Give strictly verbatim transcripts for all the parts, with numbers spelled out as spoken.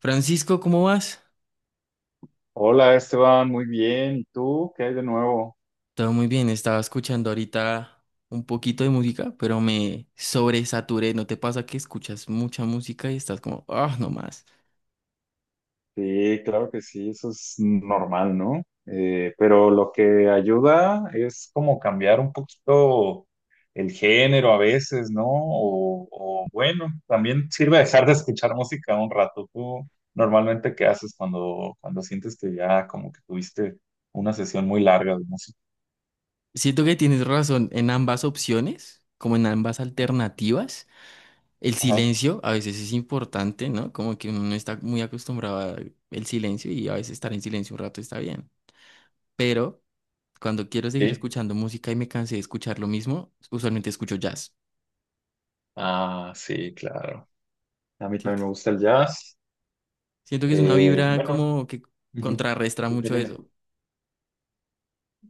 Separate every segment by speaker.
Speaker 1: Francisco, ¿cómo vas?
Speaker 2: Hola Esteban, muy bien. ¿Y tú? ¿Qué hay de nuevo?
Speaker 1: Todo muy bien, estaba escuchando ahorita un poquito de música, pero me sobresaturé. ¿No te pasa que escuchas mucha música y estás como, ah, no más?
Speaker 2: Sí, claro que sí, eso es normal, ¿no? Eh, pero lo que ayuda es como cambiar un poquito el género a veces, ¿no? O, o bueno, también sirve dejar de escuchar música un rato. ¿Tú normalmente qué haces cuando, cuando sientes que ya como que tuviste una sesión muy larga de música?
Speaker 1: Siento que tienes razón en ambas opciones, como en ambas alternativas. El
Speaker 2: Ajá.
Speaker 1: silencio a veces es importante, ¿no? Como que uno no está muy acostumbrado al silencio y a veces estar en silencio un rato está bien. Pero cuando quiero seguir
Speaker 2: ¿Sí?
Speaker 1: escuchando música y me cansé de escuchar lo mismo, usualmente escucho jazz.
Speaker 2: Ah, sí, claro. A mí
Speaker 1: ¿Sí?
Speaker 2: también me gusta el jazz.
Speaker 1: Siento que es una
Speaker 2: Eh,
Speaker 1: vibra
Speaker 2: bueno.
Speaker 1: como que
Speaker 2: Ujú.
Speaker 1: contrarrestra
Speaker 2: Dime,
Speaker 1: mucho
Speaker 2: dime.
Speaker 1: eso.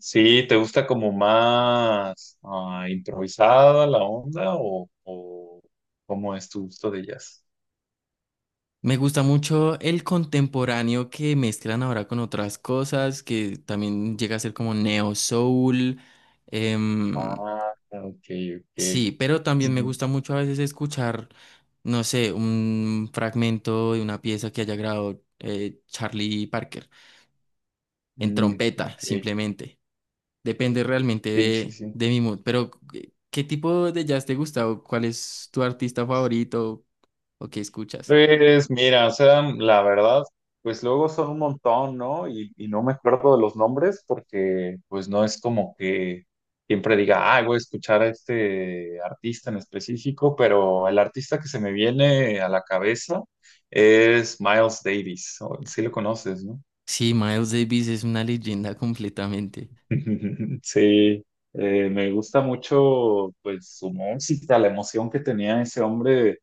Speaker 2: Sí, ¿te gusta como más ah, improvisada la onda o, o cómo es tu gusto de jazz?
Speaker 1: Me gusta mucho el contemporáneo que mezclan ahora con otras cosas, que también llega a ser como neo soul. em,
Speaker 2: Ah, ok, ok.
Speaker 1: sí, pero también me
Speaker 2: Ujú.
Speaker 1: gusta mucho a veces escuchar, no sé, un fragmento de una pieza que haya grabado eh, Charlie Parker en
Speaker 2: Mm,
Speaker 1: trompeta,
Speaker 2: ok,
Speaker 1: simplemente. Depende realmente
Speaker 2: sí, sí,
Speaker 1: de
Speaker 2: sí.
Speaker 1: de mi mood. Pero, ¿qué qué tipo de jazz te gusta? ¿O cuál es tu artista favorito? ¿O qué escuchas?
Speaker 2: Pues mira, o sea, la verdad, pues luego son un montón, ¿no? Y, y no me acuerdo de los nombres porque pues no es como que siempre diga, ah, voy a escuchar a este artista en específico, pero el artista que se me viene a la cabeza es Miles Davis, o- sí lo conoces, ¿no?
Speaker 1: Sí, Miles Davis es una leyenda completamente.
Speaker 2: Sí, eh, me gusta mucho pues su música, la emoción que tenía ese hombre,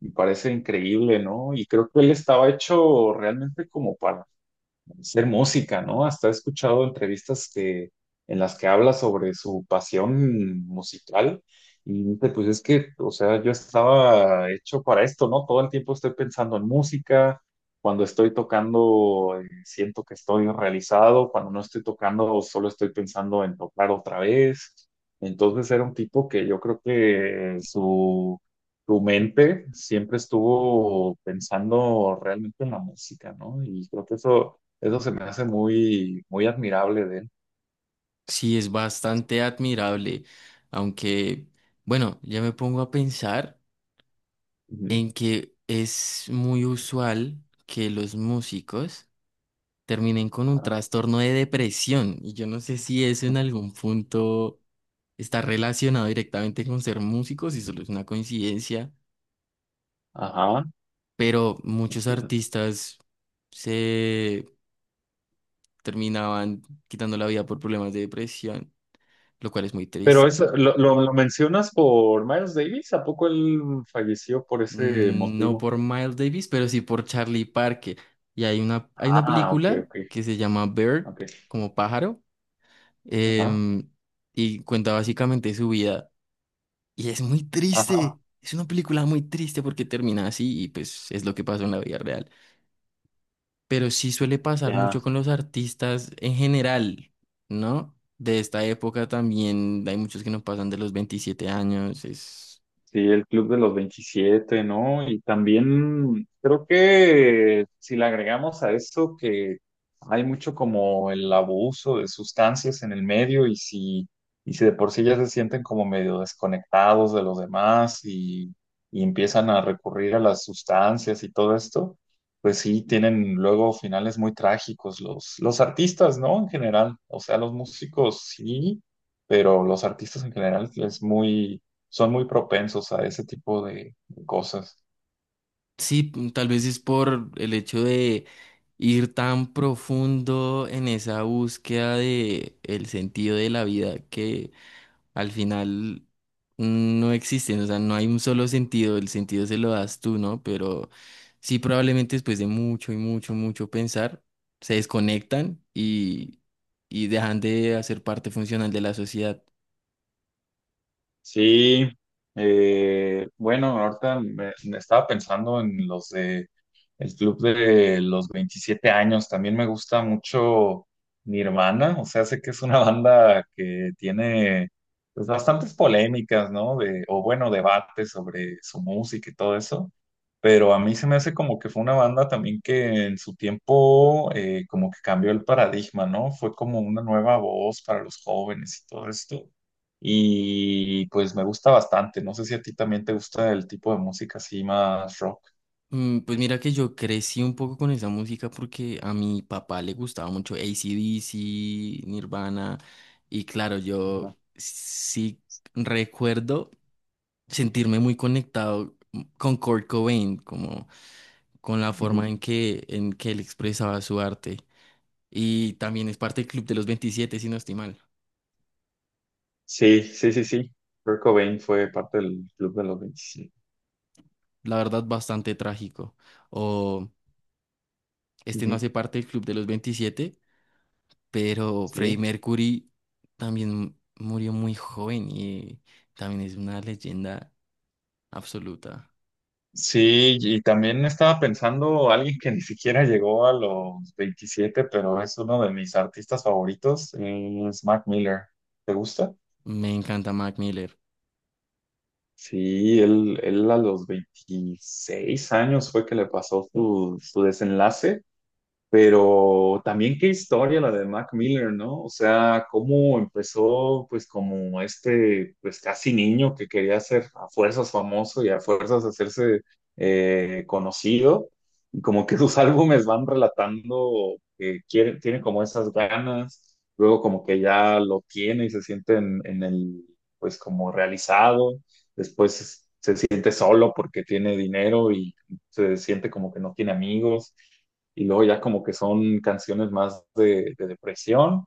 Speaker 2: me parece increíble, ¿no? Y creo que él estaba hecho realmente como para ser música, ¿no? Hasta he escuchado entrevistas que, en las que habla sobre su pasión musical y dice, pues es que, o sea, yo estaba hecho para esto, ¿no? Todo el tiempo estoy pensando en música, cuando estoy tocando eh, siento que estoy realizado, cuando no estoy tocando solo estoy pensando en tocar otra vez. Entonces era un tipo que yo creo que su, su mente siempre estuvo pensando realmente en la música, ¿no? Y creo que eso eso se me hace muy, muy admirable de él.
Speaker 1: Sí, es bastante admirable. Aunque, bueno, ya me pongo a pensar
Speaker 2: Ujú.
Speaker 1: en que es muy usual que los músicos terminen con un
Speaker 2: Ajá.
Speaker 1: trastorno de depresión. Y yo no sé si eso en algún punto está relacionado directamente con ser músicos y solo es una coincidencia,
Speaker 2: Ajá.
Speaker 1: pero muchos artistas se terminaban quitando la vida por problemas de depresión, lo cual es muy
Speaker 2: Pero
Speaker 1: triste.
Speaker 2: eso, lo, lo- lo mencionas por Miles Davis, ¿a poco él falleció por ese
Speaker 1: Mm, no
Speaker 2: motivo?
Speaker 1: por Miles Davis, pero sí por Charlie Parker. Y hay una, hay una
Speaker 2: Ah, ok,
Speaker 1: película
Speaker 2: ok,
Speaker 1: que se llama Bird,
Speaker 2: ok.
Speaker 1: como pájaro,
Speaker 2: Ajá,
Speaker 1: em, y cuenta básicamente su vida. Y es muy
Speaker 2: ajá,
Speaker 1: triste. Es una película muy triste porque termina así y pues es lo que pasó en la vida real. Pero sí suele pasar
Speaker 2: ya.
Speaker 1: mucho con los artistas en general, ¿no? De esta época también hay muchos que no pasan de los veintisiete años. Es...
Speaker 2: Sí, el Club de los veintisiete, ¿no? Y también creo que si le agregamos a eso que hay mucho como el abuso de sustancias en el medio y si, y si de por sí ya se sienten como medio desconectados de los demás y, y empiezan a recurrir a las sustancias y todo esto, pues sí, tienen luego finales muy trágicos los, los artistas, ¿no? En general, o sea, los músicos sí, pero los artistas en general es muy son muy propensos a ese tipo de cosas.
Speaker 1: Sí, mm, tal vez es por el hecho de ir tan profundo en esa búsqueda de el sentido de la vida que al final no existen, o sea, no hay un solo sentido, el sentido se lo das tú, ¿no? Pero sí, probablemente después de mucho y mucho, mucho pensar, se desconectan y, y dejan de hacer parte funcional de la sociedad.
Speaker 2: Sí, eh, bueno, ahorita me, me estaba pensando en los de el club de los veintisiete años. También me gusta mucho Nirvana, o sea, sé que es una banda que tiene pues, bastantes polémicas, ¿no? De, o bueno, debates sobre su música y todo eso. Pero a mí se me hace como que fue una banda también que en su tiempo eh, como que cambió el paradigma, ¿no? Fue como una nueva voz para los jóvenes y todo esto y pues me gusta bastante. No sé si a ti también te gusta el tipo de música así más rock.
Speaker 1: Mm, pues mira que yo crecí un poco con esa música porque a mi papá le gustaba mucho A C/D C, Nirvana, y claro, yo
Speaker 2: Ajá.
Speaker 1: sí recuerdo sentirme muy conectado con Kurt Cobain, como con la forma
Speaker 2: Ujú.
Speaker 1: en que, en que él expresaba su arte. Y también es parte del Club de los veintisiete si no estoy mal.
Speaker 2: Sí, sí, sí, sí. Kurt Cobain fue parte del Club de los veintisiete.
Speaker 1: La verdad, bastante trágico. O este no
Speaker 2: Ujú.
Speaker 1: hace parte del Club de los veintisiete, pero
Speaker 2: Sí.
Speaker 1: Freddie Mercury también murió muy joven y también es una leyenda absoluta.
Speaker 2: Sí, y también estaba pensando alguien que ni siquiera llegó a los veintisiete pero es uno de mis artistas favoritos, es Mac Miller. ¿Te gusta?
Speaker 1: Me encanta Mac Miller
Speaker 2: Sí, él, él a los veintiséis años fue que le pasó su, su desenlace. Pero también qué historia la de Mac Miller, ¿no? O sea, cómo empezó pues como este pues casi niño que quería ser a fuerzas famoso y a fuerzas hacerse eh, conocido. Y como que sus álbumes van relatando que quiere, tiene como esas ganas, luego como que ya lo tiene y se siente en, en el pues como realizado, después se siente solo porque tiene dinero y se siente como que no tiene amigos y luego ya como que son canciones más de, de depresión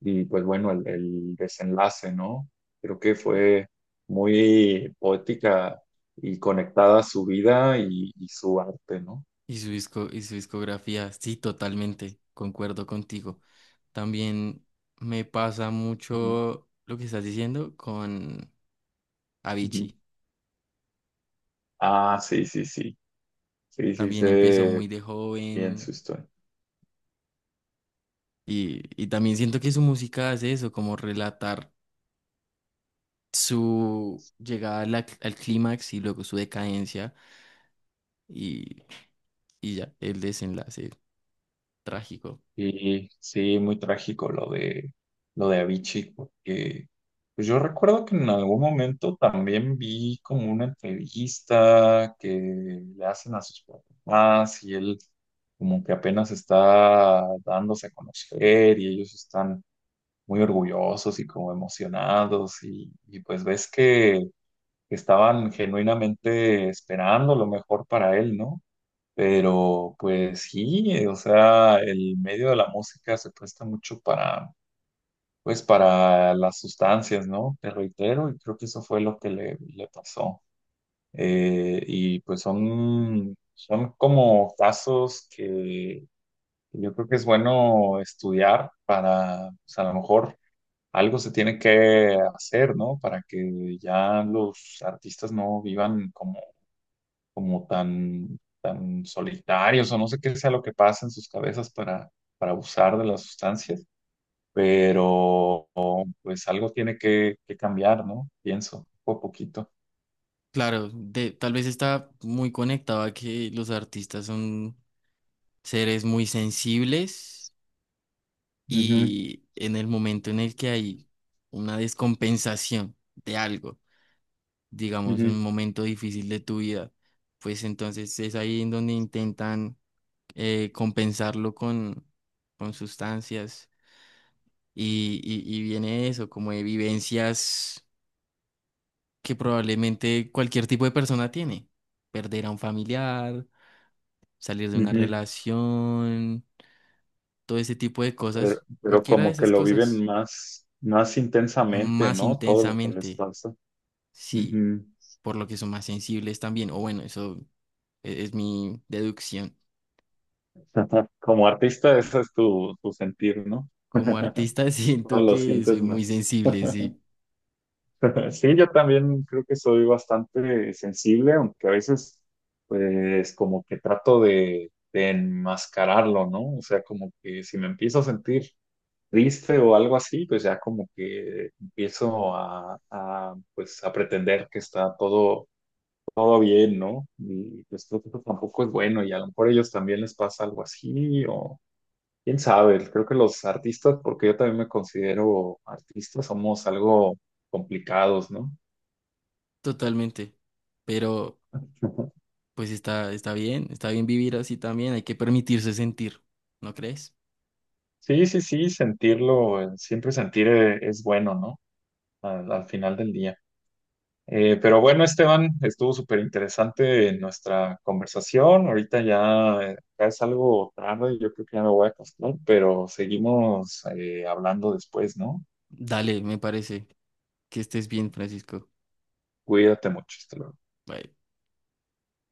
Speaker 2: y pues bueno, el, el desenlace, ¿no? Creo que fue muy poética y conectada a su vida y, y su arte, ¿no?
Speaker 1: y su disco, y su discografía. Sí, totalmente, concuerdo contigo. También me pasa
Speaker 2: Ujú,
Speaker 1: mucho lo que estás diciendo con
Speaker 2: ujú.
Speaker 1: Avicii.
Speaker 2: Ah, sí, sí, sí, sí, sí,
Speaker 1: También empezó
Speaker 2: sé
Speaker 1: muy de
Speaker 2: bien su
Speaker 1: joven
Speaker 2: historia.
Speaker 1: y y también siento que su música hace eso, como relatar su llegada a la- al clímax y luego su decadencia y, y ya, el desenlace trágico.
Speaker 2: Sí, sí, muy trágico lo de lo de Avicii, porque pues yo recuerdo que en algún momento también vi como una entrevista que le hacen a sus papás y él como que apenas está dándose a conocer y ellos están muy orgullosos y como emocionados y, y pues ves que estaban genuinamente esperando lo mejor para él, ¿no? Pero pues sí, eh, o sea, el medio de la música se presta mucho para, pues, para las sustancias, ¿no? Te reitero, y creo que eso fue lo que le, le pasó. Eh, y pues son, son como casos que yo creo que es bueno estudiar para, pues a lo mejor algo se tiene que hacer, ¿no? Para que ya los artistas no vivan como, como tan solitarios o no sé qué sea lo que pasa en sus cabezas para, para abusar de las sustancias, pero pues algo tiene que, que cambiar, ¿no? Pienso, poco a poquito.
Speaker 1: Claro, de, tal vez está muy conectado a que los artistas son seres muy sensibles
Speaker 2: Ujú,
Speaker 1: y en el momento en el que hay una descompensación de algo, digamos,
Speaker 2: ujú,
Speaker 1: un momento difícil de tu vida, pues entonces es ahí en donde intentan eh, compensarlo con con sustancias y, y, y viene eso, como de vivencias que probablemente cualquier tipo de persona tiene, perder a un familiar, salir de una
Speaker 2: ujú.
Speaker 1: relación, todo ese tipo de
Speaker 2: Pero,
Speaker 1: cosas,
Speaker 2: pero
Speaker 1: cualquiera de
Speaker 2: como que
Speaker 1: esas
Speaker 2: lo viven
Speaker 1: cosas,
Speaker 2: más, más intensamente,
Speaker 1: más
Speaker 2: ¿no? Todo lo que les
Speaker 1: intensamente,
Speaker 2: pasa.
Speaker 1: sí,
Speaker 2: Ujú.
Speaker 1: por lo que son más sensibles también, o bueno, eso e- es mi deducción.
Speaker 2: Como artista, ese es tu, tu sentir, ¿no?
Speaker 1: Como artista
Speaker 2: Todo
Speaker 1: siento
Speaker 2: lo
Speaker 1: que
Speaker 2: sientes
Speaker 1: soy muy
Speaker 2: más.
Speaker 1: sensible, sí,
Speaker 2: Sí, yo también creo que soy bastante sensible, aunque a veces, pues, como que trato de, de enmascararlo, ¿no? O sea, como que si me empiezo a sentir triste o algo así, pues ya como que empiezo a, a, pues, a pretender que está todo, todo bien, ¿no? Y pues creo que eso tampoco es bueno y a lo mejor a ellos también les pasa algo así o... Quién sabe, creo que los artistas, porque yo también me considero artista, somos algo complicados, ¿no?
Speaker 1: totalmente. Pero pues está, está bien, está bien vivir así también, hay que permitirse sentir, ¿no crees?
Speaker 2: Sí, sí, sí, sentirlo, eh, siempre sentir eh, es bueno, ¿no? Al, al final del día. Eh, pero bueno, Esteban, estuvo súper interesante nuestra conversación. Ahorita ya, eh, ya es algo tarde, yo creo que ya me voy a acostar, pero seguimos eh, hablando después, ¿no?
Speaker 1: Dale, me parece. Que estés bien, Francisco.
Speaker 2: Cuídate mucho, hasta luego.
Speaker 1: Bye.